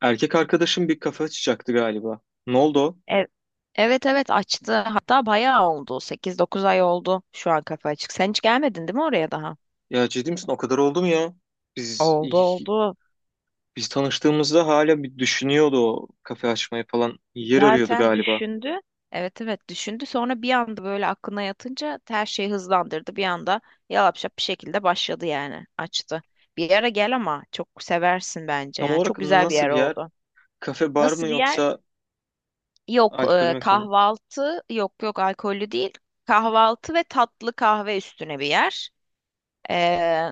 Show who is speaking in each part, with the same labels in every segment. Speaker 1: Erkek arkadaşım bir kafe açacaktı galiba. Ne oldu o?
Speaker 2: E- Evet evet açtı. Hatta bayağı oldu. Sekiz, dokuz ay oldu şu an kafa açık. Sen hiç gelmedin değil mi oraya daha?
Speaker 1: Ya, ciddi misin? O kadar oldu mu ya? Biz
Speaker 2: Oldu oldu.
Speaker 1: biz tanıştığımızda hala bir düşünüyordu o kafe açmayı falan. Yer arıyordu
Speaker 2: Zaten
Speaker 1: galiba.
Speaker 2: düşündü. Evet evet düşündü. Sonra bir anda böyle aklına yatınca her şeyi hızlandırdı. Bir anda yalapşap bir şekilde başladı yani. Açtı. Bir yere gel ama çok seversin bence
Speaker 1: Tam
Speaker 2: yani.
Speaker 1: olarak
Speaker 2: Çok güzel bir
Speaker 1: nasıl
Speaker 2: yer
Speaker 1: bir yer?
Speaker 2: oldu.
Speaker 1: Kafe bar mı,
Speaker 2: Nasıl bir yer?
Speaker 1: yoksa
Speaker 2: Yok
Speaker 1: alkolü mekan mı?
Speaker 2: kahvaltı yok yok alkollü değil. Kahvaltı ve tatlı kahve üstüne bir yer. Ee,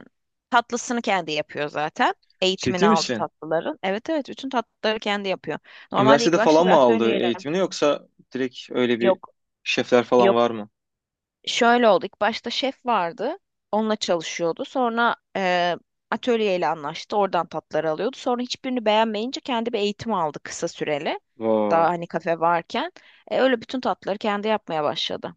Speaker 2: tatlısını kendi yapıyor zaten. Eğitimini
Speaker 1: Ciddi
Speaker 2: aldı
Speaker 1: misin?
Speaker 2: tatlıların. Evet evet bütün tatlıları kendi yapıyor. Normalde ilk
Speaker 1: Üniversitede
Speaker 2: başta
Speaker 1: falan
Speaker 2: bir
Speaker 1: mı aldı
Speaker 2: atölyeyle
Speaker 1: eğitimini, yoksa direkt öyle bir
Speaker 2: yok
Speaker 1: şefler falan
Speaker 2: yok
Speaker 1: var mı?
Speaker 2: şöyle oldu. İlk başta şef vardı. Onunla çalışıyordu. Sonra atölyeyle anlaştı. Oradan tatları alıyordu. Sonra hiçbirini beğenmeyince kendi bir eğitim aldı kısa süreli.
Speaker 1: Vay.
Speaker 2: Daha hani kafe varken. Öyle bütün tatları kendi yapmaya başladı.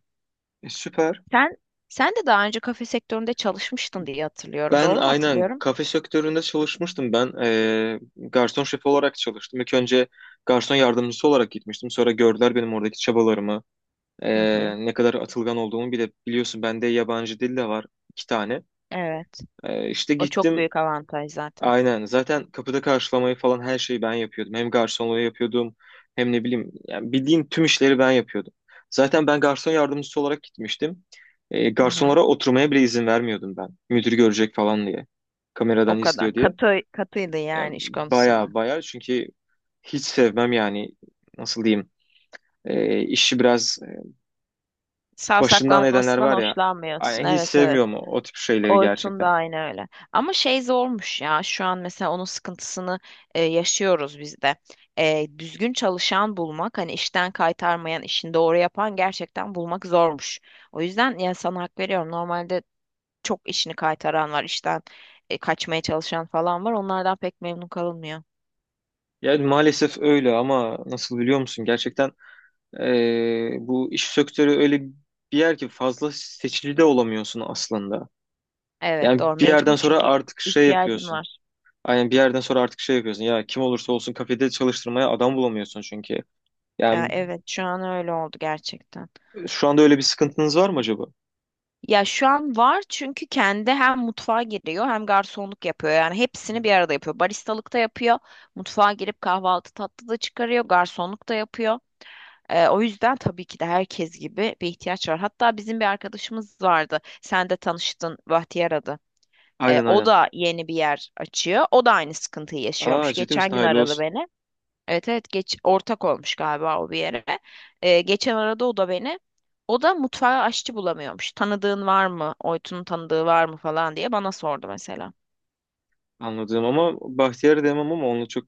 Speaker 1: Süper.
Speaker 2: Sen sen de daha önce kafe sektöründe çalışmıştın diye hatırlıyorum.
Speaker 1: Ben
Speaker 2: Doğru mu
Speaker 1: aynen
Speaker 2: hatırlıyorum?
Speaker 1: kafe sektöründe çalışmıştım. Ben garson şefi olarak çalıştım. İlk önce garson yardımcısı olarak gitmiştim. Sonra gördüler benim oradaki çabalarımı.
Speaker 2: Hı hı.
Speaker 1: Ne kadar atılgan olduğumu bile biliyorsun. Bende yabancı dil de var, iki tane.
Speaker 2: Evet.
Speaker 1: İşte
Speaker 2: O çok
Speaker 1: gittim.
Speaker 2: büyük avantaj zaten.
Speaker 1: Aynen. Zaten kapıda karşılamayı falan her şeyi ben yapıyordum. Hem garsonluğu yapıyordum, hem ne bileyim yani bildiğin tüm işleri ben yapıyordum. Zaten ben garson yardımcısı olarak gitmiştim.
Speaker 2: Hı hı.
Speaker 1: Garsonlara oturmaya bile izin vermiyordum ben. Müdür görecek falan diye.
Speaker 2: O
Speaker 1: Kameradan
Speaker 2: kadar.
Speaker 1: izliyor diye.
Speaker 2: Katıydı
Speaker 1: Yani
Speaker 2: yani iş
Speaker 1: baya
Speaker 2: konusunda.
Speaker 1: baya, çünkü hiç sevmem yani, nasıl diyeyim, işi biraz başından edenler
Speaker 2: Savsaklanmasından
Speaker 1: var ya,
Speaker 2: hoşlanmıyorsun.
Speaker 1: ay, hiç
Speaker 2: Evet evet.
Speaker 1: sevmiyorum o tip şeyleri
Speaker 2: Oytun da
Speaker 1: gerçekten.
Speaker 2: aynı öyle. Ama şey zormuş ya. Şu an mesela onun sıkıntısını yaşıyoruz biz de. Düzgün çalışan bulmak, hani işten kaytarmayan, işini doğru yapan gerçekten bulmak zormuş. O yüzden ya sana hak veriyorum. Normalde çok işini kaytaran var, işten kaçmaya çalışan falan var. Onlardan pek memnun kalınmıyor.
Speaker 1: Yani maalesef öyle, ama nasıl biliyor musun gerçekten. Bu iş sektörü öyle bir yer ki fazla seçici de olamıyorsun aslında.
Speaker 2: Evet
Speaker 1: Yani
Speaker 2: doğru
Speaker 1: bir
Speaker 2: mecbur
Speaker 1: yerden sonra
Speaker 2: çünkü
Speaker 1: artık şey
Speaker 2: ihtiyacın
Speaker 1: yapıyorsun.
Speaker 2: var.
Speaker 1: Aynen, bir yerden sonra artık şey yapıyorsun. Ya kim olursa olsun kafede çalıştırmaya adam bulamıyorsun çünkü.
Speaker 2: Ya,
Speaker 1: Yani
Speaker 2: evet şu an öyle oldu gerçekten.
Speaker 1: şu anda öyle bir sıkıntınız var mı acaba?
Speaker 2: Ya şu an var çünkü kendi hem mutfağa giriyor hem garsonluk yapıyor. Yani hepsini bir arada yapıyor. Baristalık da yapıyor. Mutfağa girip kahvaltı tatlı da çıkarıyor. Garsonluk da yapıyor. O yüzden tabii ki de herkes gibi bir ihtiyaç var. Hatta bizim bir arkadaşımız vardı. Sen de tanıştın Bahtiyar adı.
Speaker 1: Aynen,
Speaker 2: O
Speaker 1: aynen.
Speaker 2: da yeni bir yer açıyor. O da aynı sıkıntıyı
Speaker 1: Aa,
Speaker 2: yaşıyormuş.
Speaker 1: ciddi misin?
Speaker 2: Geçen gün
Speaker 1: Hayırlı
Speaker 2: aradı
Speaker 1: olsun.
Speaker 2: beni. Evet evet geç ortak olmuş galiba o bir yere. Geçen arada o da beni. O da mutfağa aşçı bulamıyormuş. Tanıdığın var mı? Oytun'un tanıdığı var mı falan diye bana sordu mesela.
Speaker 1: Anladım, ama Bahtiyar'ı demem, ama onu çok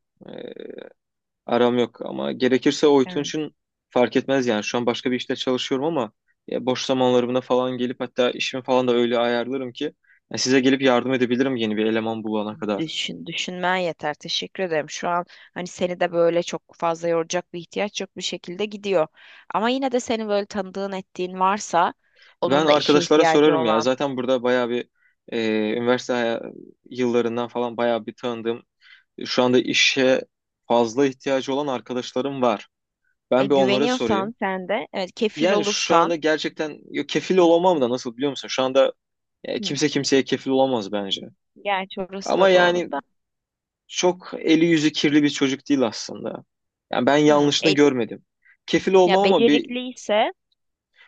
Speaker 1: aram yok, ama gerekirse Oytun
Speaker 2: Evet.
Speaker 1: için fark etmez yani. Şu an başka bir işte çalışıyorum, ama ya boş zamanlarımda falan gelip, hatta işimi falan da öyle ayarlarım ki ya size gelip yardım edebilirim yeni bir eleman bulana kadar.
Speaker 2: Düşünmen yeter. Teşekkür ederim. Şu an hani seni de böyle çok fazla yoracak bir ihtiyaç yok bir şekilde gidiyor. Ama yine de senin böyle tanıdığın ettiğin varsa
Speaker 1: Ben
Speaker 2: onun da işe
Speaker 1: arkadaşlara
Speaker 2: ihtiyacı
Speaker 1: sorarım ya.
Speaker 2: olan.
Speaker 1: Zaten burada bayağı bir, e, üniversite haya- yıllarından falan bayağı bir tanıdığım, şu anda işe fazla ihtiyacı olan arkadaşlarım var. Ben bir onlara sorayım.
Speaker 2: Güveniyorsan sen de evet kefil
Speaker 1: Yani şu anda
Speaker 2: olursan.
Speaker 1: gerçekten ya kefil olamam da, nasıl biliyor musun? Şu anda
Speaker 2: Hı.
Speaker 1: kimse kimseye kefil olamaz bence.
Speaker 2: Gerçi orası
Speaker 1: Ama
Speaker 2: da doğru
Speaker 1: yani
Speaker 2: da.
Speaker 1: çok eli yüzü kirli bir çocuk değil aslında. Yani ben
Speaker 2: Hı,
Speaker 1: yanlışını
Speaker 2: el-
Speaker 1: görmedim. Kefil
Speaker 2: ya
Speaker 1: olmam, ama bir,
Speaker 2: becerikliyse.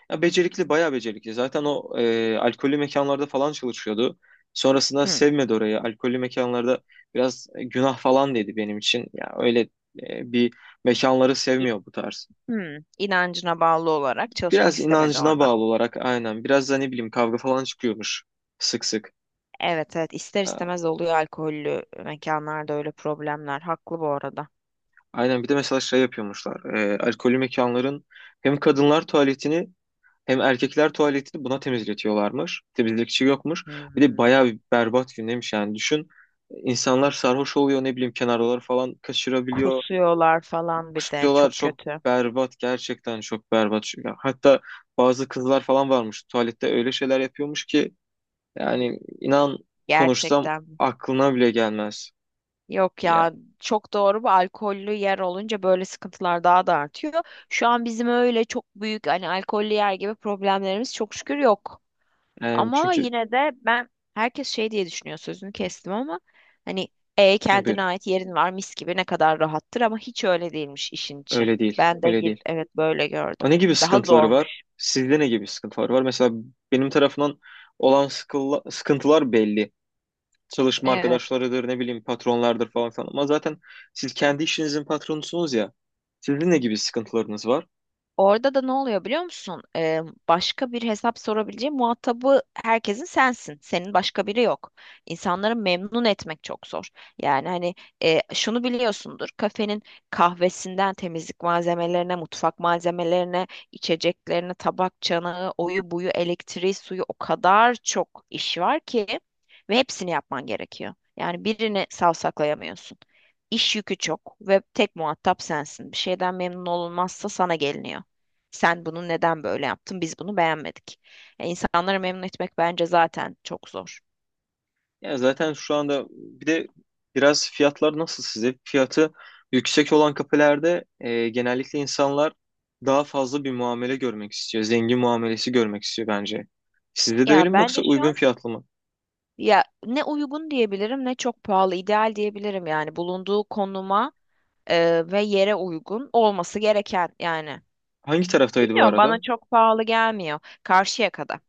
Speaker 1: ya becerikli, bayağı becerikli. Zaten o alkollü mekanlarda falan çalışıyordu. Sonrasında
Speaker 2: Hı.
Speaker 1: sevmedi orayı. Alkollü mekanlarda biraz günah falan dedi benim için. Ya öyle bir mekanları
Speaker 2: İ-
Speaker 1: sevmiyor bu tarz.
Speaker 2: hı. İnancına bağlı olarak çalışmak
Speaker 1: Biraz
Speaker 2: istemedi
Speaker 1: inancına
Speaker 2: orada.
Speaker 1: bağlı olarak, aynen. Biraz da ne bileyim kavga falan çıkıyormuş sık sık.
Speaker 2: Evet evet ister
Speaker 1: Ha,
Speaker 2: istemez oluyor alkollü mekanlarda öyle problemler. Haklı bu arada.
Speaker 1: aynen, bir de mesela şey yapıyormuşlar. Alkollü mekanların hem kadınlar tuvaletini, hem erkekler tuvaletini buna temizletiyorlarmış. Temizlikçi yokmuş. Bir de bayağı
Speaker 2: Hmm.
Speaker 1: bir berbat gündemiş yani. Düşün, insanlar sarhoş oluyor, ne bileyim kenarları falan kaçırabiliyor.
Speaker 2: Kusuyorlar falan bir de
Speaker 1: Kusuyorlar,
Speaker 2: çok
Speaker 1: çok
Speaker 2: kötü.
Speaker 1: berbat, gerçekten çok berbat. Ya, hatta bazı kızlar falan varmış tuvalette, öyle şeyler yapıyormuş ki yani inan, konuşsam
Speaker 2: Gerçekten.
Speaker 1: aklına bile gelmez.
Speaker 2: Yok
Speaker 1: Ya,
Speaker 2: ya çok doğru bu alkollü yer olunca böyle sıkıntılar daha da artıyor. Şu an bizim öyle çok büyük hani alkollü yer gibi problemlerimiz çok şükür yok.
Speaker 1: yani
Speaker 2: Ama
Speaker 1: çünkü
Speaker 2: yine de ben herkes şey diye düşünüyor sözünü kestim ama hani e
Speaker 1: buyur,
Speaker 2: kendine ait yerin var mis gibi ne kadar rahattır ama hiç öyle değilmiş işin içi.
Speaker 1: öyle değil, öyle değil.
Speaker 2: Evet böyle
Speaker 1: Aa,
Speaker 2: gördüm.
Speaker 1: ne gibi
Speaker 2: Daha
Speaker 1: sıkıntıları var?
Speaker 2: zormuş.
Speaker 1: Sizde ne gibi sıkıntılar var? Mesela benim tarafından olan sıkıntılar belli. Çalışma
Speaker 2: Evet.
Speaker 1: arkadaşlarıdır, ne bileyim patronlardır falan falan. Ama zaten siz kendi işinizin patronusunuz ya. Sizin ne gibi sıkıntılarınız var?
Speaker 2: Orada da ne oluyor biliyor musun? Başka bir hesap sorabileceği muhatabı herkesin sensin. Senin başka biri yok. İnsanları memnun etmek çok zor. Yani hani şunu biliyorsundur. Kafenin kahvesinden temizlik malzemelerine, mutfak malzemelerine, içeceklerine, tabak çanağı, oyu buyu, elektriği, suyu o kadar çok iş var ki ve hepsini yapman gerekiyor. Yani birini savsaklayamıyorsun. İş yükü çok ve tek muhatap sensin. Bir şeyden memnun olunmazsa sana geliniyor. Sen bunu neden böyle yaptın? Biz bunu beğenmedik. Ya insanları memnun etmek bence zaten çok zor.
Speaker 1: Ya zaten şu anda bir de, biraz fiyatlar nasıl size? Fiyatı yüksek olan kafelerde genellikle insanlar daha fazla bir muamele görmek istiyor. Zengin muamelesi görmek istiyor bence. Sizde de
Speaker 2: Ya
Speaker 1: öyle mi,
Speaker 2: bence
Speaker 1: yoksa
Speaker 2: şu
Speaker 1: uygun
Speaker 2: an
Speaker 1: fiyatlı mı?
Speaker 2: ya ne uygun diyebilirim ne çok pahalı ideal diyebilirim yani bulunduğu konuma ve yere uygun olması gereken yani.
Speaker 1: Hangi taraftaydı bu
Speaker 2: Bilmiyorum
Speaker 1: arada?
Speaker 2: bana çok pahalı gelmiyor. Karşıyaka'da.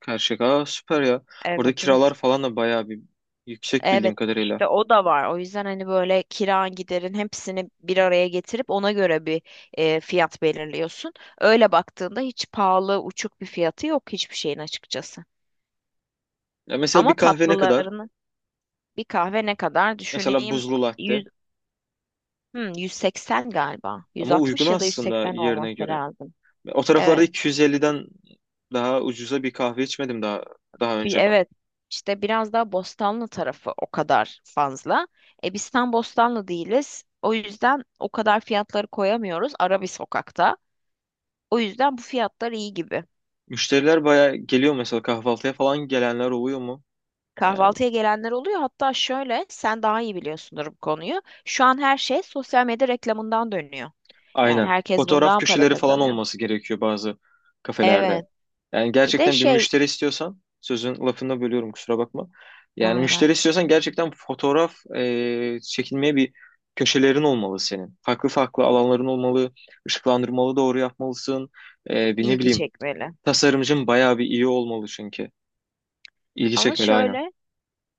Speaker 1: Karşıyaka. Aa, süper ya. Orada
Speaker 2: Evet evet.
Speaker 1: kiralar falan da bayağı bir yüksek bildiğim
Speaker 2: Evet
Speaker 1: kadarıyla.
Speaker 2: işte o da var. O yüzden hani böyle kiran giderin hepsini bir araya getirip ona göre bir fiyat belirliyorsun. Öyle baktığında hiç pahalı uçuk bir fiyatı yok hiçbir şeyin açıkçası.
Speaker 1: Ya mesela
Speaker 2: Ama
Speaker 1: bir kahve ne kadar?
Speaker 2: tatlılarını bir kahve ne kadar
Speaker 1: Mesela
Speaker 2: düşüneyim
Speaker 1: buzlu latte.
Speaker 2: 100, hmm, 180 galiba.
Speaker 1: Ama uygun
Speaker 2: 160 ya da
Speaker 1: aslında
Speaker 2: 180
Speaker 1: yerine
Speaker 2: olması
Speaker 1: göre.
Speaker 2: lazım.
Speaker 1: O taraflarda
Speaker 2: Evet.
Speaker 1: 250'den daha ucuza bir kahve içmedim daha
Speaker 2: Bir,
Speaker 1: önce ben.
Speaker 2: evet. İşte biraz daha Bostanlı tarafı o kadar fazla. E biz tam Bostanlı değiliz. O yüzden o kadar fiyatları koyamıyoruz. Ara bir sokakta. O yüzden bu fiyatlar iyi gibi.
Speaker 1: Müşteriler bayağı geliyor, mesela kahvaltıya falan gelenler oluyor mu?
Speaker 2: Kahvaltıya gelenler oluyor. Hatta şöyle, sen daha iyi biliyorsundur bu konuyu. Şu an her şey sosyal medya reklamından dönüyor. Yani
Speaker 1: Aynen.
Speaker 2: herkes
Speaker 1: Fotoğraf
Speaker 2: bundan para
Speaker 1: köşeleri falan
Speaker 2: kazanıyor.
Speaker 1: olması gerekiyor bazı kafelerde.
Speaker 2: Evet.
Speaker 1: Yani
Speaker 2: Bir de
Speaker 1: gerçekten bir
Speaker 2: şey,
Speaker 1: müşteri istiyorsan, sözün lafını bölüyorum kusura bakma. Yani
Speaker 2: hayır
Speaker 1: müşteri
Speaker 2: hayır,
Speaker 1: istiyorsan gerçekten fotoğraf çekilmeye bir köşelerin olmalı senin. Farklı farklı alanların olmalı, ışıklandırmalı doğru yapmalısın. Bir, ne
Speaker 2: ilgi
Speaker 1: bileyim,
Speaker 2: çekmeli.
Speaker 1: tasarımcın bayağı bir iyi olmalı çünkü. İlgi
Speaker 2: Ama
Speaker 1: çekmeli, aynen.
Speaker 2: şöyle,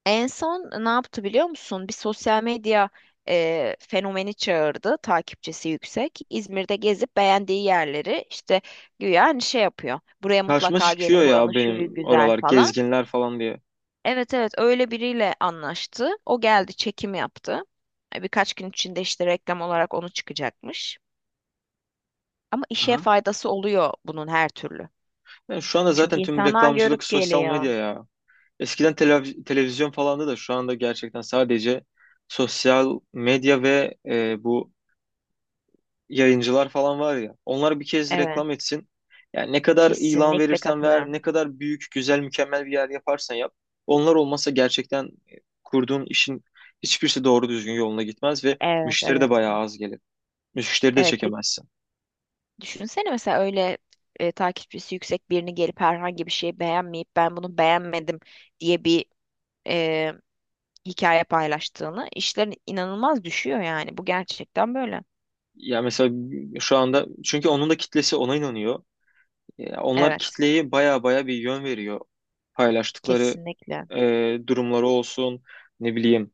Speaker 2: en son ne yaptı biliyor musun? Bir sosyal medya fenomeni çağırdı, takipçisi yüksek. İzmir'de gezip beğendiği yerleri işte güya hani şey yapıyor. Buraya
Speaker 1: Karşıma
Speaker 2: mutlaka
Speaker 1: çıkıyor
Speaker 2: gelin, buranın
Speaker 1: ya
Speaker 2: şuyu
Speaker 1: benim,
Speaker 2: güzel
Speaker 1: oralar
Speaker 2: falan.
Speaker 1: gezginler falan diye.
Speaker 2: Evet evet öyle biriyle anlaştı. O geldi çekim yaptı. Birkaç gün içinde işte reklam olarak onu çıkacakmış. Ama işe
Speaker 1: Aha.
Speaker 2: faydası oluyor bunun her türlü.
Speaker 1: Yani şu anda
Speaker 2: Çünkü
Speaker 1: zaten tüm
Speaker 2: insanlar
Speaker 1: reklamcılık
Speaker 2: görüp
Speaker 1: sosyal
Speaker 2: geliyor.
Speaker 1: medya ya. Eskiden televizyon falandı, da şu anda gerçekten sadece sosyal medya ve bu yayıncılar falan var ya. Onlar bir kez
Speaker 2: Evet,
Speaker 1: reklam etsin. Yani ne kadar ilan
Speaker 2: kesinlikle
Speaker 1: verirsen ver,
Speaker 2: katılıyorum.
Speaker 1: ne kadar büyük, güzel, mükemmel bir yer yaparsan yap. Onlar olmasa gerçekten kurduğun işin hiçbirisi doğru düzgün yoluna gitmez ve
Speaker 2: Evet,
Speaker 1: müşteri de
Speaker 2: evet.
Speaker 1: bayağı az gelir. Müşteri de
Speaker 2: Evet, bir
Speaker 1: çekemezsin.
Speaker 2: düşünsene mesela öyle takipçisi yüksek birini gelip herhangi bir şeyi beğenmeyip ben bunu beğenmedim diye bir e, hikaye paylaştığını işlerin inanılmaz düşüyor yani. Bu gerçekten böyle.
Speaker 1: Ya mesela şu anda, çünkü onun da kitlesi ona inanıyor. Ya onlar
Speaker 2: Evet,
Speaker 1: kitleyi baya baya bir yön veriyor. Paylaştıkları
Speaker 2: kesinlikle.
Speaker 1: durumları olsun, ne bileyim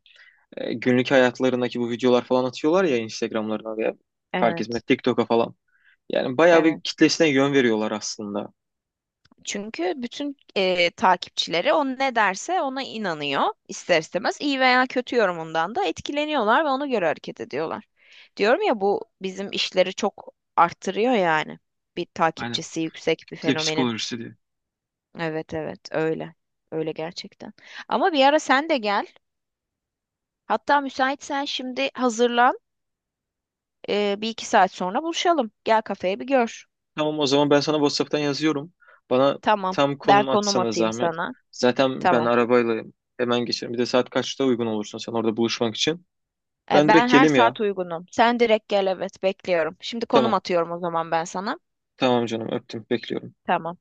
Speaker 1: günlük hayatlarındaki bu videolar falan atıyorlar ya Instagram'larına, veya fark etmez
Speaker 2: Evet,
Speaker 1: TikTok'a falan. Yani baya bir
Speaker 2: evet.
Speaker 1: kitlesine yön veriyorlar aslında.
Speaker 2: Çünkü bütün takipçileri o ne derse ona inanıyor ister istemez. İyi veya kötü yorumundan da etkileniyorlar ve ona göre hareket ediyorlar. Diyorum ya bu bizim işleri çok arttırıyor yani. Bir
Speaker 1: Aynen,
Speaker 2: takipçisi yüksek bir
Speaker 1: kitle
Speaker 2: fenomenin.
Speaker 1: psikolojisi diye.
Speaker 2: Evet, evet öyle. Öyle gerçekten. Ama bir ara sen de gel. Hatta müsaitsen şimdi hazırlan. Bir iki saat sonra buluşalım. Gel kafeye bir gör.
Speaker 1: Tamam, o zaman ben sana WhatsApp'tan yazıyorum. Bana
Speaker 2: Tamam.
Speaker 1: tam
Speaker 2: Ben
Speaker 1: konum
Speaker 2: konum
Speaker 1: atsana
Speaker 2: atayım
Speaker 1: zahmet.
Speaker 2: sana.
Speaker 1: Zaten ben
Speaker 2: Tamam.
Speaker 1: arabayla hemen geçerim. Bir de saat kaçta uygun olursun sen orada buluşmak için? Ben
Speaker 2: Ben
Speaker 1: direkt
Speaker 2: her
Speaker 1: gelim ya.
Speaker 2: saat uygunum. Sen direkt gel evet bekliyorum. Şimdi konum
Speaker 1: Tamam.
Speaker 2: atıyorum o zaman ben sana.
Speaker 1: Tamam canım, öptüm. Bekliyorum.
Speaker 2: Tamam.